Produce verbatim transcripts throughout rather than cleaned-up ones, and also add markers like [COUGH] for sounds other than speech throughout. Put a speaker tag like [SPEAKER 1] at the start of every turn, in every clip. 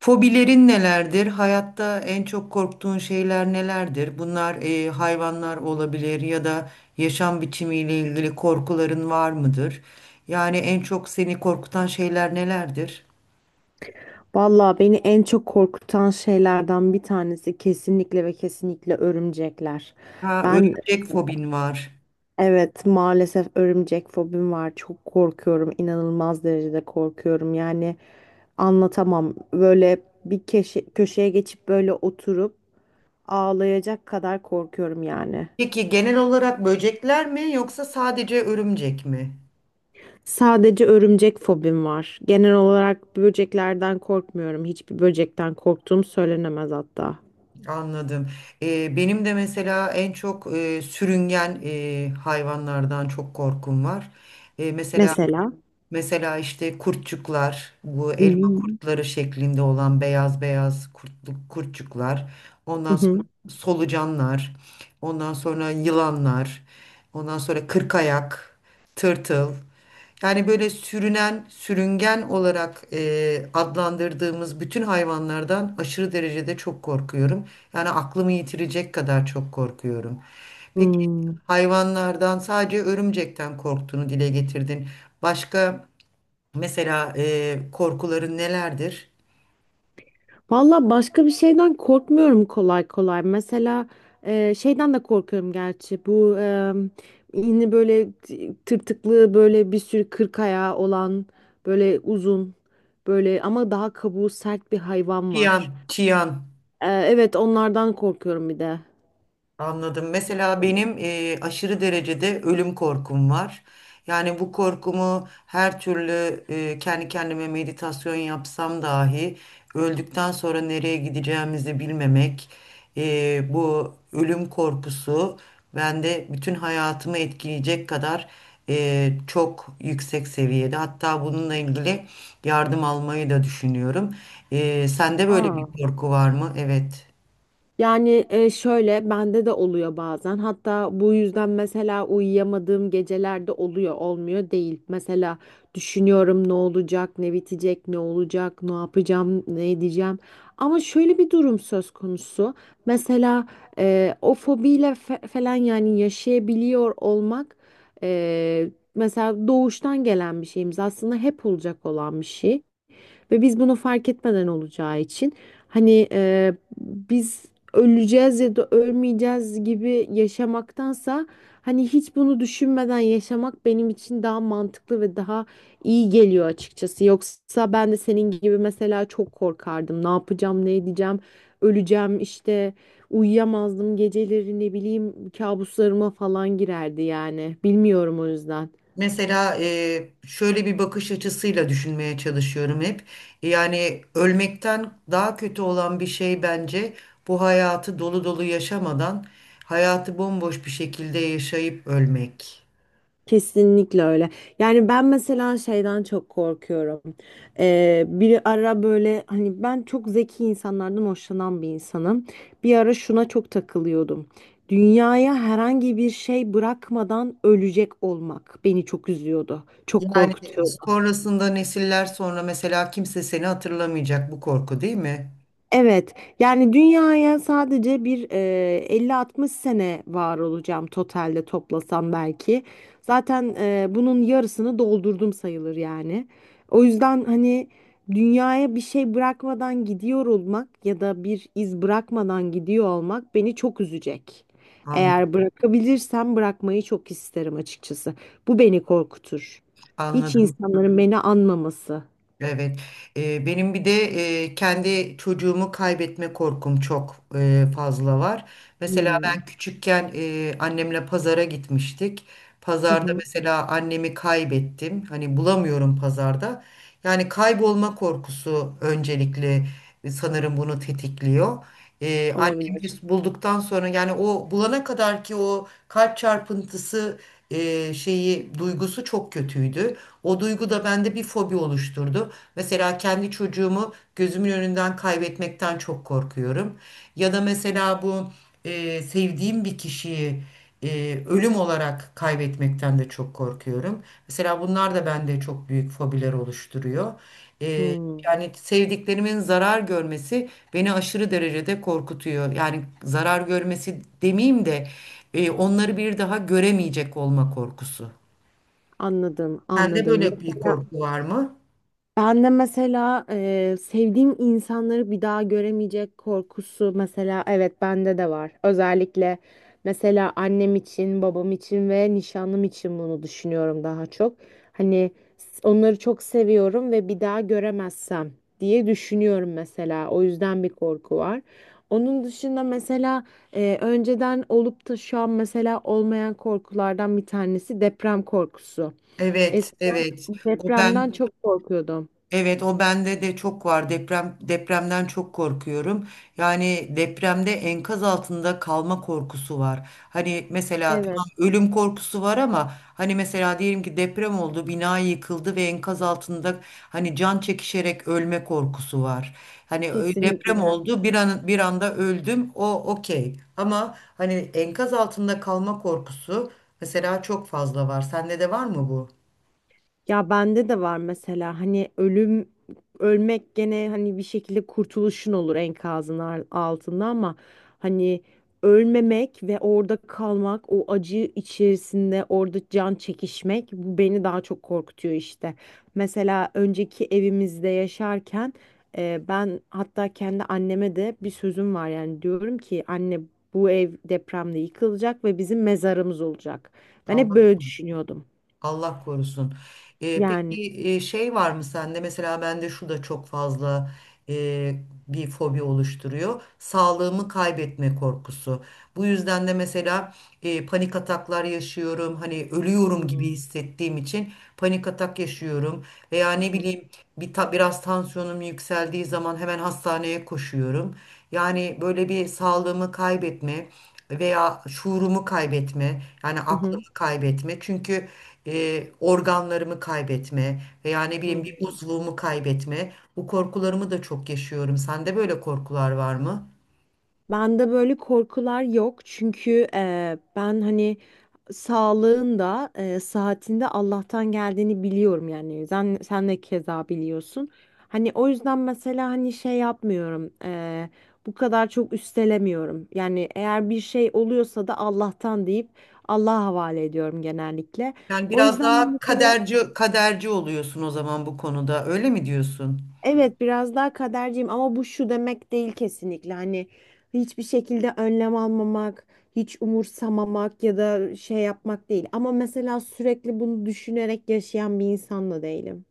[SPEAKER 1] Fobilerin nelerdir? Hayatta en çok korktuğun şeyler nelerdir? Bunlar e, hayvanlar olabilir ya da yaşam biçimiyle ilgili korkuların var mıdır? Yani en çok seni korkutan şeyler nelerdir?
[SPEAKER 2] Vallahi beni en çok korkutan şeylerden bir tanesi kesinlikle ve kesinlikle örümcekler.
[SPEAKER 1] Ha,
[SPEAKER 2] Ben,
[SPEAKER 1] örümcek fobin var.
[SPEAKER 2] evet, maalesef örümcek fobim var. Çok korkuyorum. İnanılmaz derecede korkuyorum. Yani anlatamam. Böyle bir keşe- köşeye geçip böyle oturup ağlayacak kadar korkuyorum yani.
[SPEAKER 1] Peki genel olarak böcekler mi yoksa sadece örümcek mi?
[SPEAKER 2] Sadece örümcek fobim var. Genel olarak böceklerden korkmuyorum. Hiçbir böcekten korktuğum söylenemez hatta.
[SPEAKER 1] Anladım. E, benim de mesela en çok e, sürüngen e, hayvanlardan çok korkum var. E, mesela
[SPEAKER 2] Mesela.
[SPEAKER 1] Mesela işte kurtçuklar, bu elma
[SPEAKER 2] Hmm.
[SPEAKER 1] kurtları şeklinde olan beyaz beyaz kurtlu, kurtçuklar,
[SPEAKER 2] Hı
[SPEAKER 1] ondan
[SPEAKER 2] hı.
[SPEAKER 1] sonra solucanlar, ondan sonra yılanlar, ondan sonra kırkayak, tırtıl. Yani böyle sürünen, sürüngen olarak e, adlandırdığımız bütün hayvanlardan aşırı derecede çok korkuyorum. Yani aklımı yitirecek kadar çok korkuyorum. Peki
[SPEAKER 2] Hmm.
[SPEAKER 1] hayvanlardan sadece örümcekten korktuğunu dile getirdin. Başka mesela e, korkuların nelerdir?
[SPEAKER 2] Valla başka bir şeyden korkmuyorum kolay kolay. Mesela e, şeyden de korkuyorum gerçi. Bu e, yine böyle t- tırtıklı böyle bir sürü kırk ayağı olan böyle uzun böyle ama daha kabuğu sert bir hayvan
[SPEAKER 1] Çiyan,
[SPEAKER 2] var.
[SPEAKER 1] çiyan,
[SPEAKER 2] E, evet, onlardan korkuyorum bir de.
[SPEAKER 1] anladım. Mesela benim eee, aşırı derecede ölüm korkum var. Yani bu korkumu her türlü eee, kendi kendime meditasyon yapsam dahi öldükten sonra nereye gideceğimizi bilmemek, eee, bu ölüm korkusu bende bütün hayatımı etkileyecek kadar eee, çok yüksek seviyede. Hatta bununla ilgili yardım almayı da düşünüyorum. Eee, sende böyle bir
[SPEAKER 2] Aa,
[SPEAKER 1] korku var mı? Evet.
[SPEAKER 2] yani e, şöyle bende de oluyor bazen. Hatta bu yüzden mesela uyuyamadığım gecelerde oluyor, olmuyor değil. Mesela düşünüyorum: ne olacak, ne bitecek, ne olacak, ne yapacağım, ne edeceğim. Ama şöyle bir durum söz konusu. Mesela e, o fobiyle fe- falan yani yaşayabiliyor olmak e, mesela doğuştan gelen bir şeyimiz. Aslında hep olacak olan bir şey. Ve biz bunu fark etmeden olacağı için hani e, biz öleceğiz ya da ölmeyeceğiz gibi yaşamaktansa hani hiç bunu düşünmeden yaşamak benim için daha mantıklı ve daha iyi geliyor açıkçası. Yoksa ben de senin gibi mesela çok korkardım. Ne yapacağım, ne edeceğim, öleceğim işte, uyuyamazdım geceleri, ne bileyim, kabuslarıma falan girerdi yani. Bilmiyorum, o yüzden.
[SPEAKER 1] Mesela e, şöyle bir bakış açısıyla düşünmeye çalışıyorum hep. Yani ölmekten daha kötü olan bir şey bence bu hayatı dolu dolu yaşamadan hayatı bomboş bir şekilde yaşayıp ölmek.
[SPEAKER 2] Kesinlikle öyle. Yani ben mesela şeyden çok korkuyorum. Ee, bir ara böyle hani ben çok zeki insanlardan hoşlanan bir insanım. Bir ara şuna çok takılıyordum. Dünyaya herhangi bir şey bırakmadan ölecek olmak beni çok üzüyordu. Çok
[SPEAKER 1] Yani
[SPEAKER 2] korkutuyordu.
[SPEAKER 1] sonrasında nesiller sonra mesela kimse seni hatırlamayacak, bu korku değil mi?
[SPEAKER 2] Evet, yani dünyaya sadece bir e, elli altmış sene var olacağım totalde, toplasam belki. Zaten e, bunun yarısını doldurdum sayılır yani. O yüzden hani dünyaya bir şey bırakmadan gidiyor olmak ya da bir iz bırakmadan gidiyor olmak beni çok üzecek.
[SPEAKER 1] An-
[SPEAKER 2] Eğer bırakabilirsem bırakmayı çok isterim açıkçası. Bu beni korkutur. Hiç
[SPEAKER 1] Anladım.
[SPEAKER 2] insanların beni anmaması.
[SPEAKER 1] Evet. Eee, benim bir de eee, kendi çocuğumu kaybetme korkum çok eee, fazla var. Mesela
[SPEAKER 2] Hmm.
[SPEAKER 1] ben küçükken eee, annemle pazara gitmiştik.
[SPEAKER 2] Hı
[SPEAKER 1] Pazarda
[SPEAKER 2] hı,
[SPEAKER 1] mesela annemi kaybettim. Hani bulamıyorum pazarda. Yani kaybolma korkusu öncelikle sanırım bunu tetikliyor. Eee annemi
[SPEAKER 2] olabilir.
[SPEAKER 1] bulduktan sonra yani o bulana kadar ki o kalp çarpıntısı eee, şeyi duygusu çok kötüydü. O duygu da bende bir fobi oluşturdu. Mesela kendi çocuğumu gözümün önünden kaybetmekten çok korkuyorum. Ya da mesela bu e, sevdiğim bir kişiyi e, ölüm olarak kaybetmekten de çok korkuyorum. Mesela bunlar da bende çok büyük fobiler oluşturuyor. E,
[SPEAKER 2] Hmm.
[SPEAKER 1] Yani sevdiklerimin zarar görmesi beni aşırı derecede korkutuyor. Yani zarar görmesi demeyeyim de e, onları bir daha göremeyecek olma korkusu.
[SPEAKER 2] Anladım,
[SPEAKER 1] Sende
[SPEAKER 2] anladım.
[SPEAKER 1] böyle bir
[SPEAKER 2] Mesela
[SPEAKER 1] korku var mı?
[SPEAKER 2] ben de mesela e, sevdiğim insanları bir daha göremeyecek korkusu, mesela evet, bende de var. Özellikle mesela annem için, babam için ve nişanlım için bunu düşünüyorum daha çok. Hani s- onları çok seviyorum ve bir daha göremezsem diye düşünüyorum mesela. O yüzden bir korku var. Onun dışında mesela e, önceden olup da şu an mesela olmayan korkulardan bir tanesi deprem korkusu.
[SPEAKER 1] Evet, evet. O
[SPEAKER 2] Depremden
[SPEAKER 1] ben,
[SPEAKER 2] çok korkuyordum.
[SPEAKER 1] evet o bende de çok var. Deprem depremden çok korkuyorum. Yani depremde enkaz altında kalma korkusu var. Hani mesela tamam
[SPEAKER 2] Evet,
[SPEAKER 1] ölüm korkusu var ama hani mesela diyelim ki deprem oldu, bina yıkıldı ve enkaz altında hani can çekişerek ölme korkusu var. Hani ö- deprem
[SPEAKER 2] kesinlikle.
[SPEAKER 1] oldu, bir an bir anda öldüm. O okey. Ama hani enkaz altında kalma korkusu mesela çok fazla var. Sende de var mı bu?
[SPEAKER 2] Ya, bende de var mesela. Hani ölüm, ölmek gene hani bir şekilde kurtuluşun olur enkazın ar- altında, ama hani ölmemek ve orada kalmak, o acı içerisinde orada can çekişmek, bu beni daha çok korkutuyor işte. Mesela önceki evimizde yaşarken e, ben hatta kendi anneme de bir sözüm var, yani diyorum ki anne, bu ev depremde yıkılacak ve bizim mezarımız olacak. Ben hep
[SPEAKER 1] Allah
[SPEAKER 2] böyle düşünüyordum
[SPEAKER 1] Allah korusun. Ee,
[SPEAKER 2] yani.
[SPEAKER 1] peki e, şey var mı sende? Mesela bende şu da çok fazla e, bir fobi oluşturuyor. Sağlığımı kaybetme korkusu. Bu yüzden de mesela e, panik ataklar yaşıyorum. Hani ölüyorum gibi
[SPEAKER 2] Hmm.
[SPEAKER 1] hissettiğim için panik atak yaşıyorum. Veya
[SPEAKER 2] Hı
[SPEAKER 1] ne
[SPEAKER 2] hı.
[SPEAKER 1] bileyim bir ta- biraz tansiyonum yükseldiği zaman hemen hastaneye koşuyorum. Yani böyle bir sağlığımı kaybetme veya şuurumu kaybetme, yani
[SPEAKER 2] Hı
[SPEAKER 1] aklımı
[SPEAKER 2] hı.
[SPEAKER 1] kaybetme. Çünkü e, organlarımı kaybetme veya ne bileyim bir
[SPEAKER 2] Hmm.
[SPEAKER 1] uzvumu kaybetme. Bu korkularımı da çok yaşıyorum. Sende böyle korkular var mı?
[SPEAKER 2] Bende böyle korkular yok çünkü e, ben hani sağlığın da e, saatinde Allah'tan geldiğini biliyorum, yani sen, sen de keza biliyorsun. Hani o yüzden mesela hani şey yapmıyorum, e, bu kadar çok üstelemiyorum. Yani eğer bir şey oluyorsa da Allah'tan deyip Allah'a havale ediyorum genellikle.
[SPEAKER 1] Yani
[SPEAKER 2] O
[SPEAKER 1] biraz
[SPEAKER 2] yüzden de
[SPEAKER 1] daha
[SPEAKER 2] mesela,
[SPEAKER 1] kaderci kaderci oluyorsun o zaman bu konuda. Öyle mi diyorsun?
[SPEAKER 2] evet, biraz daha kaderciyim ama bu şu demek değil kesinlikle, hani hiçbir şekilde önlem almamak, hiç umursamamak ya da şey yapmak değil. Ama mesela sürekli bunu düşünerek yaşayan bir insan da değilim.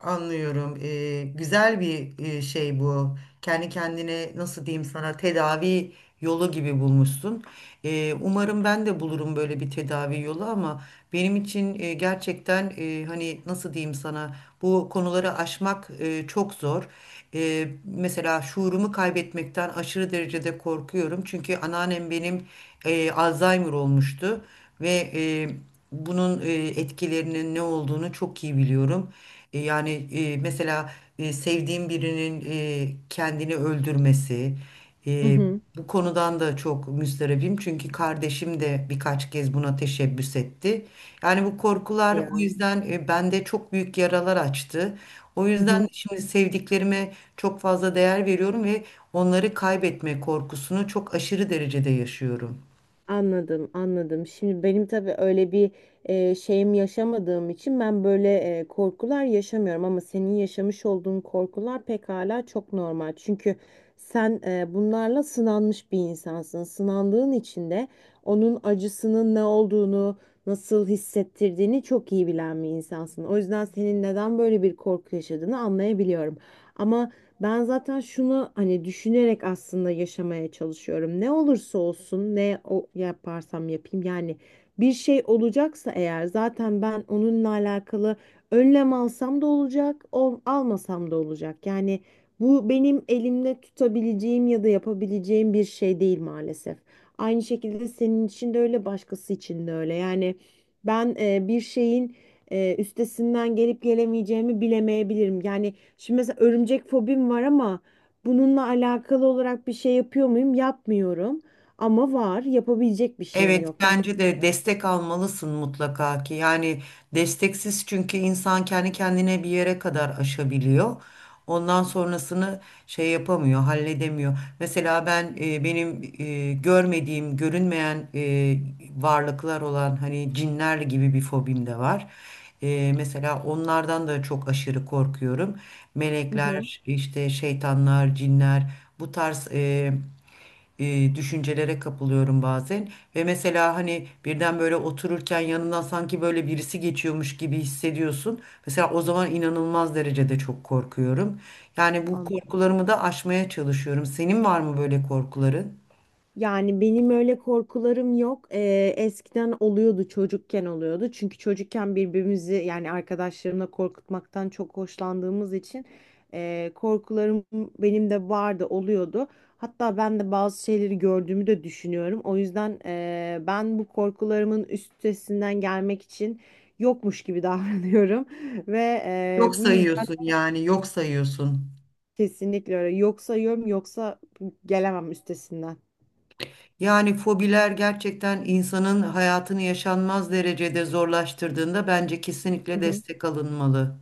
[SPEAKER 1] Anlıyorum. Ee, güzel bir e, şey bu. Kendi kendine nasıl diyeyim sana tedavi yolu gibi bulmuşsun. Ee, umarım ben de bulurum böyle bir tedavi yolu ama benim için e, gerçekten e, hani nasıl diyeyim sana, bu konuları aşmak e, çok zor. Ee, mesela şuurumu kaybetmekten aşırı derecede korkuyorum. Çünkü anneannem benim e, Alzheimer olmuştu ve e, bunun e, etkilerinin ne olduğunu çok iyi biliyorum. E, yani e, mesela e, sevdiğim birinin e, kendini öldürmesi,
[SPEAKER 2] Hı
[SPEAKER 1] e,
[SPEAKER 2] hı.
[SPEAKER 1] bu konudan da çok müsterebim çünkü kardeşim de birkaç kez buna teşebbüs etti. Yani bu korkular o
[SPEAKER 2] Ya.
[SPEAKER 1] yüzden e, bende çok büyük yaralar açtı. O
[SPEAKER 2] Hı
[SPEAKER 1] yüzden
[SPEAKER 2] hı.
[SPEAKER 1] de şimdi sevdiklerime çok fazla değer veriyorum ve onları kaybetme korkusunu çok aşırı derecede yaşıyorum.
[SPEAKER 2] Anladım, anladım. Şimdi benim tabii öyle bir e, şeyim yaşamadığım için ben böyle e, korkular yaşamıyorum, ama senin yaşamış olduğun korkular pekala çok normal. Çünkü sen e, bunlarla sınanmış bir insansın. Sınandığın için de onun acısının ne olduğunu, nasıl hissettirdiğini çok iyi bilen bir insansın. O yüzden senin neden böyle bir korku yaşadığını anlayabiliyorum. Ama ben zaten şunu hani düşünerek aslında yaşamaya çalışıyorum. Ne olursa olsun, ne o yaparsam yapayım, yani bir şey olacaksa eğer zaten ben onunla alakalı önlem alsam da olacak, ol- almasam da olacak. Yani bu benim elimle tutabileceğim ya da yapabileceğim bir şey değil maalesef. Aynı şekilde senin için de öyle, başkası için de öyle. Yani ben e, bir şeyin e, üstesinden gelip gelemeyeceğimi bilemeyebilirim. Yani, şimdi mesela örümcek fobim var ama bununla alakalı olarak bir şey yapıyor muyum? Yapmıyorum. Ama var. Yapabilecek bir şeyim
[SPEAKER 1] Evet,
[SPEAKER 2] yok. Yani.
[SPEAKER 1] bence de destek almalısın mutlaka ki. Yani desteksiz çünkü insan kendi kendine bir yere kadar aşabiliyor. Ondan sonrasını şey yapamıyor, halledemiyor. Mesela ben e, benim e, görmediğim, görünmeyen e, varlıklar olan hani cinler gibi bir fobim de var. E, mesela onlardan da çok aşırı korkuyorum.
[SPEAKER 2] Hı hı.
[SPEAKER 1] Melekler, işte şeytanlar, cinler, bu tarz e, e, düşüncelere kapılıyorum bazen. Ve mesela hani birden böyle otururken yanından sanki böyle birisi geçiyormuş gibi hissediyorsun. Mesela o zaman inanılmaz derecede çok korkuyorum. Yani bu
[SPEAKER 2] Anladım.
[SPEAKER 1] korkularımı da aşmaya çalışıyorum. Senin var mı böyle korkuların?
[SPEAKER 2] Yani benim öyle korkularım yok. Ee, eskiden oluyordu, çocukken oluyordu. Çünkü çocukken birbirimizi, yani arkadaşlarımla korkutmaktan çok hoşlandığımız için e, korkularım benim de vardı, oluyordu. Hatta ben de bazı şeyleri gördüğümü de düşünüyorum. O yüzden e, ben bu korkularımın üstesinden gelmek için yokmuş gibi davranıyorum [LAUGHS] ve
[SPEAKER 1] Yok
[SPEAKER 2] e, bu yüzden
[SPEAKER 1] sayıyorsun yani yok sayıyorsun.
[SPEAKER 2] kesinlikle öyle. Yok sayıyorum, yoksa gelemem üstesinden.
[SPEAKER 1] Yani fobiler gerçekten insanın hayatını yaşanmaz derecede zorlaştırdığında bence kesinlikle destek alınmalı.